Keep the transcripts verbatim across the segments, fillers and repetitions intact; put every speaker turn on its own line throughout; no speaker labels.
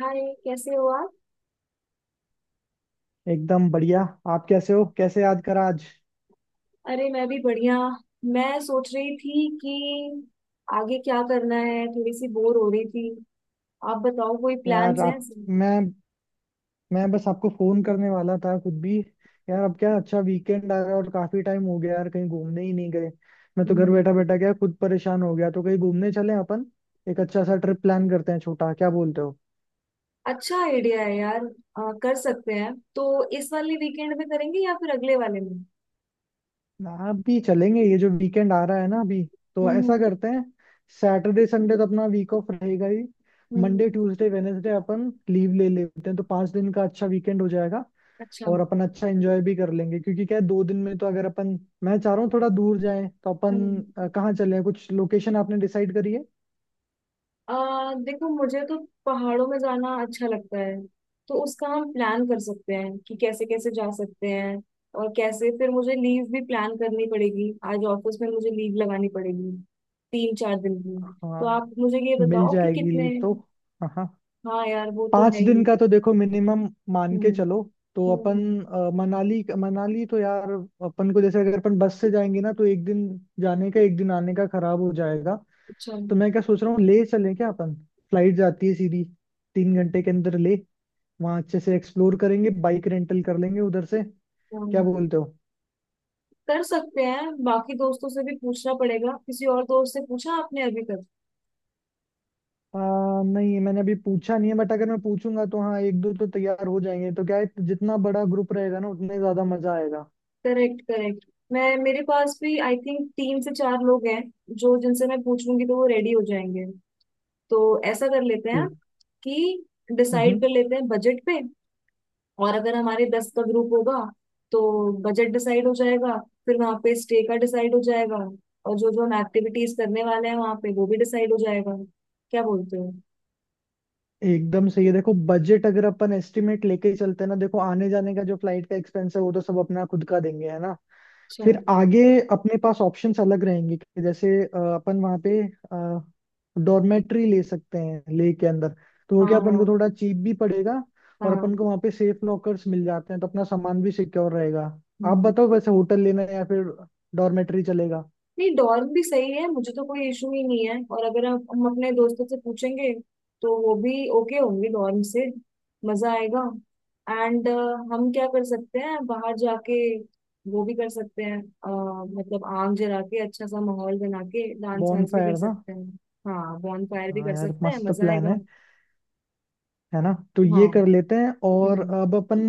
हाय, कैसे हो आप?
एकदम बढ़िया। आप कैसे हो, कैसे याद करा आज?
अरे, मैं भी बढ़िया। मैं सोच रही थी कि आगे क्या करना है, थोड़ी सी बोर हो रही थी। आप बताओ, कोई
यार
प्लान्स हैं?
आप, मैं मैं बस आपको फोन करने वाला था खुद भी। यार अब क्या अच्छा वीकेंड आ रहा है और काफी टाइम हो गया यार, कहीं घूमने ही नहीं गए। मैं तो घर
हम्म।
बैठा बैठा क्या खुद परेशान हो गया, तो कहीं घूमने चले अपन। एक अच्छा सा ट्रिप प्लान करते हैं छोटा, क्या बोलते हो?
अच्छा आइडिया है यार, अ, कर सकते हैं। तो इस वाले वीकेंड में करेंगे या फिर अगले वाले में?
आप भी चलेंगे? ये जो वीकेंड आ रहा है ना अभी, तो ऐसा
हम्म।
करते हैं, सैटरडे संडे तो अपना वीक ऑफ रहेगा ही। Monday
hmm.
ट्यूसडे वेनेसडे अपन लीव ले लेते हैं, तो पांच दिन का अच्छा वीकेंड हो जाएगा।
अच्छा।
और अपन अच्छा एंजॉय भी कर लेंगे, क्योंकि क्या है, दो दिन में तो अगर अपन, मैं चाह रहा हूँ थोड़ा दूर जाएं तो अपन
हम्म।
अ, कहाँ चले, कुछ लोकेशन आपने डिसाइड करी है?
आ, देखो, मुझे तो पहाड़ों में जाना अच्छा लगता है। तो उसका हम प्लान कर सकते हैं कि कैसे कैसे जा सकते हैं और कैसे। फिर मुझे लीव भी प्लान करनी पड़ेगी, आज ऑफिस में मुझे लीव लगानी पड़ेगी, तीन चार दिन की। तो
हाँ
आप मुझे ये
मिल
बताओ कि
जाएगी
कितने।
लीव तो, हाँ हाँ।
हाँ यार, वो तो है
पाँच
ही।
दिन का तो देखो मिनिमम मान के
हम्म।
चलो। तो अपन
हम्म।
अ, मनाली, मनाली तो यार अपन को जैसे अगर अपन बस से जाएंगे ना, तो एक दिन जाने का एक दिन आने का खराब हो जाएगा।
अच्छा।
तो मैं क्या सोच रहा हूँ, ले चलें क्या अपन? फ्लाइट जाती है सीधी, तीन घंटे के अंदर ले। वहां अच्छे से एक्सप्लोर करेंगे, बाइक रेंटल कर लेंगे उधर से।
हाँ,
क्या बोलते हो?
कर सकते हैं। बाकी दोस्तों से भी पूछना पड़ेगा, किसी और दोस्त से पूछा आपने अभी तक?
आ, नहीं मैंने अभी पूछा नहीं है, बट अगर मैं पूछूंगा तो हाँ एक दो तो तैयार हो जाएंगे। तो क्या है जितना बड़ा ग्रुप रहेगा ना, उतने ज्यादा मजा आएगा।
Correct, correct. मैं, मेरे पास भी आई थिंक तीन से चार लोग हैं जो, जिनसे मैं पूछ लूंगी तो वो रेडी हो जाएंगे। तो ऐसा कर लेते हैं
फिर
कि डिसाइड
हम्म।
कर लेते हैं बजट पे। और अगर हमारे दस का ग्रुप होगा तो बजट डिसाइड हो जाएगा, फिर वहाँ पे स्टे का डिसाइड हो जाएगा, और जो जो हम एक्टिविटीज करने वाले हैं वहाँ पे वो भी डिसाइड हो जाएगा। क्या बोलते हो?
एकदम सही है। देखो बजट अगर अपन एस्टिमेट लेके ही चलते हैं ना, देखो आने जाने का जो फ्लाइट का एक्सपेंस है, वो तो सब अपना खुद का देंगे, है ना।
अच्छा।
फिर आगे अपने पास ऑप्शंस अलग रहेंगे कि जैसे अ, अपन वहाँ पे डॉर्मेट्री ले सकते हैं, ले के अंदर तो वो
हाँ।
क्या अपन को
हाँ।
थोड़ा चीप भी पड़ेगा। और
हाँ।
अपन को वहाँ पे सेफ लॉकर्स मिल जाते हैं, तो अपना सामान भी सिक्योर रहेगा। आप
हम्म।
बताओ, वैसे होटल लेना है या फिर डॉर्मेट्री चलेगा?
नहीं, डॉर्म भी सही है, मुझे तो कोई इशू ही नहीं है। और अगर हम हम अपने दोस्तों से पूछेंगे तो वो भी ओके होंगे डॉर्म से। मजा आएगा। एंड, हम क्या कर सकते हैं बाहर जाके, वो भी कर सकते हैं। अ, मतलब, आग जला के अच्छा सा माहौल बना के डांस
बॉन
वांस भी कर
फायर ना।
सकते हैं। हाँ, बॉन फायर भी
हाँ
कर
यार,
सकते हैं,
मस्त
मजा
प्लान
आएगा।
है है ना? तो ये
हाँ।
कर लेते हैं। और
हम्म।
अब अपन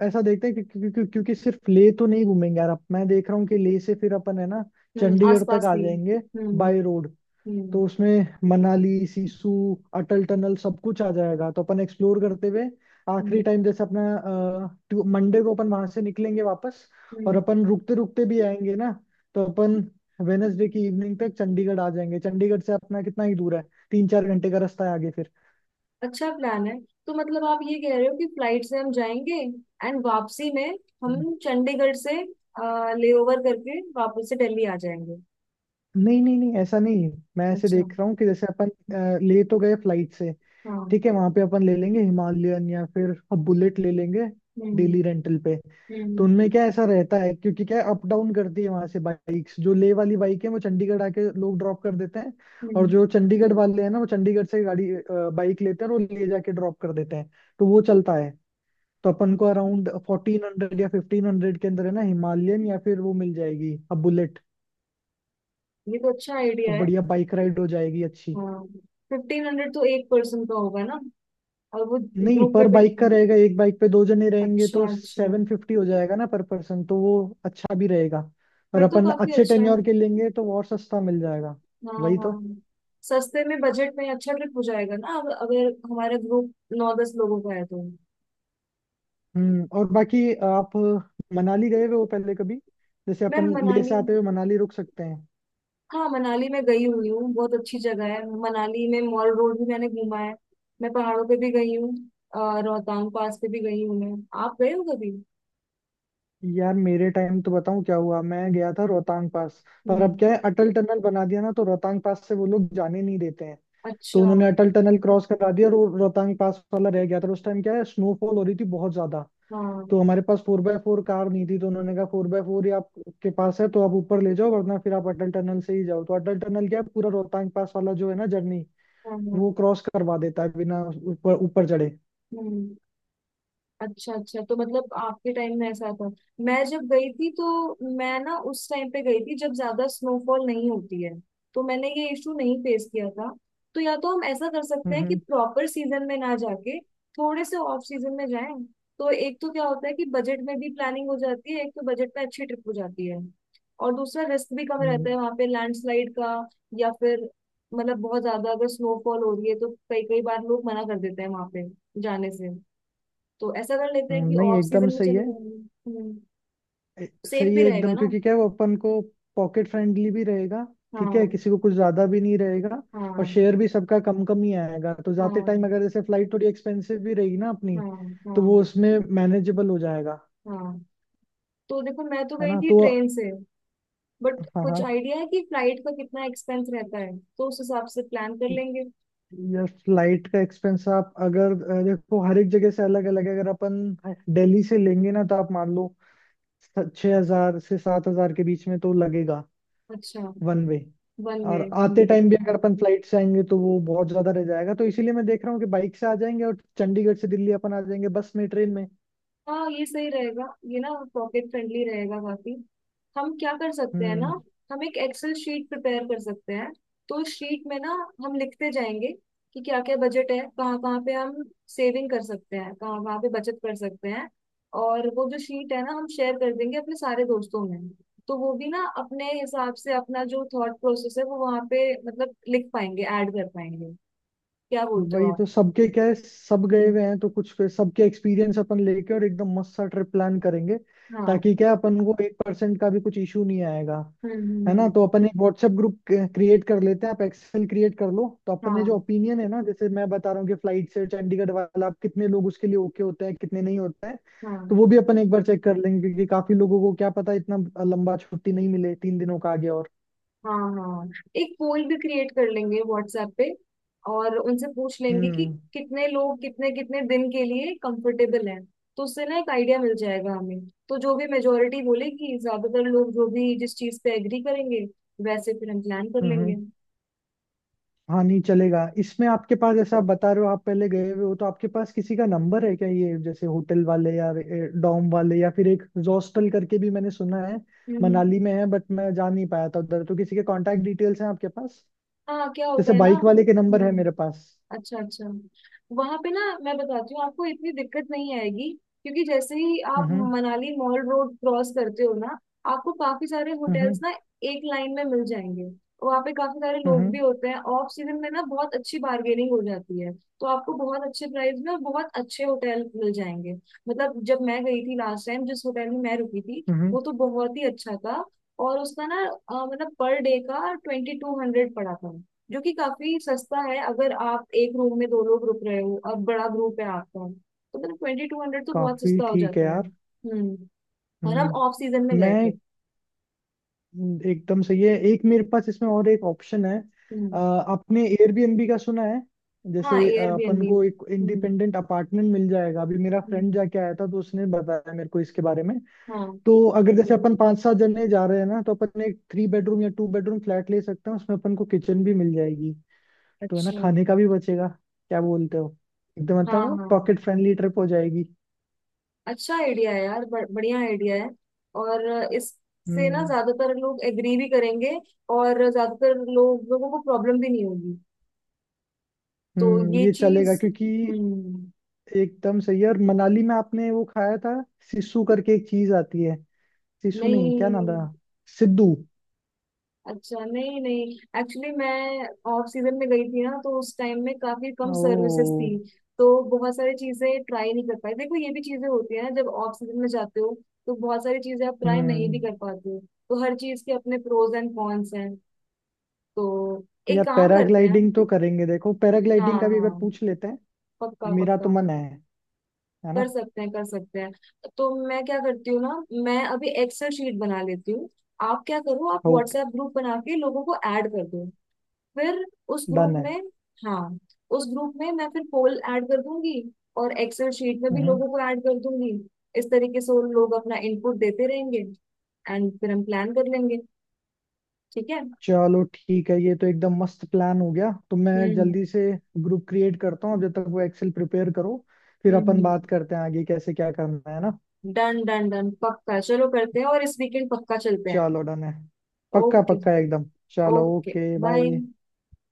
अ, ऐसा देखते हैं कि, क्योंकि क्योंकि क्योंकि सिर्फ लेह तो नहीं घूमेंगे यार। अब मैं देख रहा हूँ कि लेह से फिर अपन, है ना,
हम्म, आस
चंडीगढ़ तक
पास
आ
भी।
जाएंगे
हम्म।
By road.
हम्म।
तो उसमें मनाली, सिसु, अटल टनल सब कुछ आ जाएगा। तो अपन एक्सप्लोर करते हुए आखिरी
हम्म।
टाइम जैसे अपना अ, टू- मंडे को अपन वहां से निकलेंगे वापस। और
हम्म।
अपन रुकते रुकते भी आएंगे ना, तो अपन वेनसडे की इवनिंग तक चंडीगढ़ आ जाएंगे। चंडीगढ़ से अपना कितना ही दूर है, तीन चार घंटे का रास्ता है आगे फिर।
अच्छा प्लान है। तो मतलब आप ये कह रहे हो कि फ्लाइट से हम जाएंगे, एंड वापसी में
हम्म।
हम चंडीगढ़ से लेओवर करके वापस से दिल्ली आ जाएंगे?
नहीं नहीं नहीं, ऐसा नहीं। मैं ऐसे
अच्छा।
देख रहा हूँ कि जैसे अपन अ, ले तो गए फ्लाइट से, ठीक
हाँ।
है। वहां पे अपन ले लेंगे हिमालयन, या फिर बुलेट ले लेंगे,
हम्म।
डेली रेंटल पे। तो
हम्म।
उनमें क्या ऐसा रहता है क्योंकि क्या अप डाउन करती है वहां से बाइक्स, जो ले वाली बाइक है वो चंडीगढ़ आके लोग ड्रॉप कर देते हैं। और
हम्म।
जो चंडीगढ़ वाले हैं ना, वो चंडीगढ़ से गाड़ी, बाइक लेते हैं, और वो ले जाके ड्रॉप कर देते हैं। तो वो चलता है। तो अपन को
अच्छा,
अराउंड फोर्टीन हंड्रेड या फिफ्टीन हंड्रेड के अंदर, है ना, हिमालयन या फिर वो मिल जाएगी अब बुलेट।
ये तो अच्छा
तो
आइडिया है।
बढ़िया बाइक राइड हो जाएगी अच्छी।
हाँ। फिफ्टीन हंड्रेड तो एक पर्सन का होगा ना, और वो
नहीं,
ग्रुप पे
पर
भी
बाइक का
depend-
रहेगा, एक बाइक पे दो जने रहेंगे,
अच्छा
तो
अच्छा।
सेवन फिफ्टी हो जाएगा ना पर पर्सन, तो वो अच्छा भी रहेगा। और
फिर तो
अपन
काफी
अच्छे
अच्छा है।
टेन्योर के लेंगे तो वो और सस्ता मिल जाएगा।
हाँ,
वही
हाँ।
तो।
सस्ते में बजट में अच्छा ट्रिप हो जाएगा ना। अब अगर हमारा ग्रुप नौ दस लोगों का है तो।
हम्म, और बाकी आप मनाली गए हुए हो पहले कभी? जैसे
मैम
अपन लेह से
मनाली।
आते हुए मनाली रुक सकते हैं।
हाँ, मनाली में गई हुई हूँ, बहुत अच्छी जगह है। मनाली में मॉल रोड भी मैंने घूमा है, मैं पहाड़ों पे भी गई हूँ। अ, रोहतांग पास पे भी गई हूँ मैं। आप गए हो कभी?
यार मेरे टाइम तो बताऊं क्या हुआ, मैं गया था रोहतांग पास पर। अब
हम्म।
क्या है अटल टनल बना दिया ना, तो रोहतांग पास से वो लोग जाने नहीं देते हैं। तो
अच्छा।
उन्होंने
हाँ।
अटल टनल क्रॉस करा दिया, और वो रोहतांग पास वाला रह गया था। और उस टाइम क्या है, स्नोफॉल हो रही थी बहुत ज्यादा।
हाँ।
तो हमारे पास फोर बाय फोर कार नहीं थी, तो उन्होंने कहा फोर बाय फोर ही आपके पास है तो आप ऊपर ले जाओ, वरना फिर आप अटल टनल से ही जाओ। तो अटल टनल क्या है, पूरा रोहतांग पास वाला जो है ना जर्नी,
हाँ,
वो क्रॉस करवा देता है बिना ऊपर ऊपर चढ़े।
हम्म। अच्छा, अच्छा। तो मतलब आपके टाइम में ऐसा था। मैं जब गई थी तो मैं ना उस टाइम पे गई थी जब ज्यादा स्नोफॉल नहीं होती है। तो मैंने ये इशू नहीं फेस किया था। तो या तो हम ऐसा कर सकते
हम्म,
हैं कि
हम्म,
प्रॉपर सीजन में ना जाके थोड़े से ऑफ सीजन में जाएं। तो एक तो क्या होता है कि बजट में भी प्लानिंग हो जाती है, एक तो बजट में अच्छी ट्रिप हो जाती है, और दूसरा रिस्क भी कम
हम्म,
रहता है वहां पे लैंडस्लाइड का। या फिर मतलब बहुत ज्यादा अगर स्नोफॉल हो रही है तो कई कई बार लोग मना कर देते हैं वहां पे जाने से। तो ऐसा कर लेते हैं
हम्म,
कि
नहीं
ऑफ
एकदम
सीजन में
सही
चले
है।
जाएंगे। हम्म।
ए-
सेफ
सही
भी
है
रहेगा
एकदम।
ना।
क्योंकि क्या है वो अपन को पॉकेट फ्रेंडली भी रहेगा, ठीक है।
हाँ।
किसी को कुछ ज्यादा भी नहीं रहेगा। और
हाँ।
शेयर भी सबका कम कम ही आएगा। तो जाते टाइम
हाँ।
अगर जैसे फ्लाइट थोड़ी एक्सपेंसिव भी रहेगी ना अपनी,
हाँ।
तो वो
हाँ।
उसमें मैनेजेबल हो जाएगा,
हाँ। तो देखो, मैं तो
है
गई
ना
थी
तो।
ट्रेन से, बट
हाँ
कुछ
हाँ,
आइडिया है कि फ्लाइट का कितना एक्सपेंस रहता है? तो उस हिसाब से प्लान कर लेंगे।
या फ्लाइट का एक्सपेंस आप अगर अ, देखो हर एक जगह से अलग अलग है। अगर अपन दिल्ली से लेंगे ना, तो आप मान लो छह हजार से सात हजार के बीच में तो लगेगा,
अच्छा।
One way.
One way.
और आते टाइम भी अगर अपन फ्लाइट से आएंगे तो वो बहुत ज्यादा रह जाएगा। तो इसीलिए मैं देख रहा हूँ कि बाइक से आ जाएंगे, और चंडीगढ़ से दिल्ली अपन आ जाएंगे बस में, ट्रेन में।
हाँ, ये सही रहेगा। ये ना पॉकेट फ्रेंडली रहेगा काफी। हम क्या कर सकते हैं ना,
हम्म,
हम एक एक्सेल शीट प्रिपेयर कर सकते हैं। तो शीट में ना हम लिखते जाएंगे कि क्या क्या बजट है, कहाँ कहाँ पे हम सेविंग कर सकते हैं, कहाँ कहाँ पे बचत कर सकते हैं। और वो जो शीट है ना, हम शेयर कर देंगे अपने सारे दोस्तों में। तो वो भी ना अपने हिसाब से अपना जो थॉट प्रोसेस है वो वहाँ पे मतलब लिख पाएंगे, ऐड कर पाएंगे। क्या बोलते हो
वही
आप?
तो। सबके क्या है, सब गए
हम्म।
हुए हैं तो कुछ फिर सबके एक्सपीरियंस अपन लेके और एकदम मस्त सा ट्रिप प्लान करेंगे।
हाँ, हम्म।
ताकि क्या है, अपन को एक परसेंट का भी कुछ इशू नहीं आएगा,
हम्म।
है ना। तो
हम्म,
अपन एक व्हाट्सएप ग्रुप क्रिएट कर लेते हैं, आप एक्सेल क्रिएट कर लो। तो अपन ने जो
हाँ।
ओपिनियन है ना, जैसे मैं बता रहा हूँ कि फ्लाइट से चंडीगढ़ वाला आप कितने लोग उसके लिए ओके होते हैं, कितने नहीं होते हैं, तो
हाँ।
वो भी अपन एक बार चेक कर लेंगे। क्योंकि काफी लोगों को क्या पता, इतना लंबा छुट्टी नहीं मिले तीन दिनों का आगे और।
हाँ। हाँ। एक पोल भी क्रिएट कर लेंगे व्हाट्सएप पे, और उनसे पूछ लेंगे कि
हम्म,
कितने लोग कितने कितने दिन के लिए कंफर्टेबल हैं। तो उससे ना एक आइडिया मिल जाएगा हमें। तो जो भी मेजोरिटी बोलेगी, ज्यादातर लोग जो भी जिस चीज पे एग्री करेंगे वैसे फिर हम प्लान कर
हम्म।
लेंगे।
हम्म। हाँ नहीं चलेगा इसमें, आपके पास जैसे आप बता रहे हो आप पहले गए हुए हो, तो आपके पास किसी का नंबर है क्या, ये जैसे होटल वाले या डॉम वाले, या फिर एक हॉस्टल करके भी मैंने सुना है
हम्म।
मनाली
हम्म।
में है, बट मैं जा नहीं पाया था उधर। तो किसी के कांटेक्ट डिटेल्स हैं आपके पास?
हाँ, क्या होता
जैसे
है ना।
बाइक वाले के नंबर है
हम्म।
मेरे पास।
अच्छा, अच्छा। वहां पे ना, मैं बताती हूँ आपको, इतनी दिक्कत नहीं आएगी। क्योंकि जैसे ही आप
हम्म,
मनाली मॉल रोड क्रॉस करते हो ना, आपको काफी सारे
हम्म,
होटल्स
हम्म,
ना एक लाइन में मिल जाएंगे। वहां पे काफी सारे लोग भी
हम्म,
होते हैं, ऑफ सीजन में ना बहुत अच्छी बार्गेनिंग हो जाती है। तो आपको बहुत अच्छे प्राइस में और बहुत अच्छे होटल मिल जाएंगे। मतलब जब मैं गई थी लास्ट टाइम, जिस होटल में मैं रुकी थी
हम्म,
वो तो बहुत ही अच्छा था। और उसका ना अ, मतलब पर डे का ट्वेंटी टू हंड्रेड पड़ा था, जो कि काफी सस्ता है। अगर आप एक रूम में दो लोग रुक रहे हो और बड़ा ग्रुप है आपका तो मतलब ट्वेंटी टू हंड्रेड तो बहुत
काफी
सस्ता हो
ठीक है
जाता है।
यार।
हम्म। और हम
हम्म।
ऑफ सीजन में गए
मैं,
थे।
एकदम सही है, एक मेरे पास इसमें और एक ऑप्शन है, अ,
हम्म।
आपने एयरबीएनबी का सुना है?
हाँ,
जैसे अ, अपन
एयरबीएनबी
को
में।
एक
हम्म।
इंडिपेंडेंट अपार्टमेंट मिल जाएगा। अभी मेरा फ्रेंड
हम्म।
जाके आया था, तो उसने बताया मेरे को इसके बारे में।
हाँ।
तो अगर जैसे अपन पांच सात जने जा रहे हैं ना, तो अपन एक थ्री बेडरूम या टू बेडरूम फ्लैट ले सकते हैं। उसमें अपन को किचन भी मिल जाएगी, तो है ना
अच्छा।
खाने का भी बचेगा। क्या बोलते हो? एकदम,
हाँ,
मतलब
हाँ।
पॉकेट फ्रेंडली ट्रिप हो जाएगी।
अच्छा आइडिया है यार, ब- बढ़िया आइडिया है। और इससे ना
हम्म,
ज्यादातर लोग एग्री भी करेंगे, और ज्यादातर लोग, लोगों को प्रॉब्लम भी नहीं होगी। तो
हम्म,
ये
ये चलेगा
चीज।
क्योंकि
हम्म।
एकदम सही है। और मनाली में आपने वो खाया था, सिसु करके एक चीज आती है। सिसु नहीं, क्या नाम
नहीं।
था, सिद्धू।
अच्छा, नहीं नहीं। एक्चुअली मैं ऑफ सीजन में गई थी ना, तो उस टाइम में काफी कम सर्विसेज थी।
ओ,
तो बहुत सारी चीजें ट्राई नहीं कर पाई। देखो, ये भी चीजें होती है ना, जब ऑफ सीजन में जाते हो तो बहुत सारी चीजें आप ट्राई नहीं भी
हम्म।
कर पाते हो। तो हर चीज के अपने प्रोज एंड कॉन्स हैं। तो एक
यार
काम करते हैं।
पैराग्लाइडिंग तो करेंगे, देखो
हाँ,
पैराग्लाइडिंग का भी अगर
हाँ,
पूछ लेते हैं।
पक्का,
मेरा तो
पक्का।
मन है है ना।
कर सकते हैं, कर सकते हैं। तो मैं क्या करती हूँ ना, मैं अभी एक्सेल शीट बना लेती हूँ। आप क्या करो, आप
ओके,
व्हाट्सएप ग्रुप बना के लोगों को ऐड कर दो। फिर उस ग्रुप
डन है।
में। हाँ, उस ग्रुप में मैं फिर पोल ऐड कर दूंगी, और एक्सेल शीट में भी
हम्म।
लोगों को ऐड कर दूंगी। इस तरीके से वो लोग अपना इनपुट देते रहेंगे एंड फिर हम प्लान कर लेंगे। ठीक है?
चलो ठीक है, ये तो एकदम मस्त प्लान हो गया। तो मैं
हम्म।
जल्दी से ग्रुप क्रिएट करता हूँ, जब तक वो एक्सेल प्रिपेयर करो। फिर अपन
हम्म।
बात करते हैं आगे कैसे क्या करना है ना।
डन, डन, डन, पक्का। चलो करते हैं, और इस वीकेंड पक्का चलते हैं।
चलो डन है, पक्का
ओके।
पक्का एकदम। चलो
ओके,
ओके,
बाय।
बाय।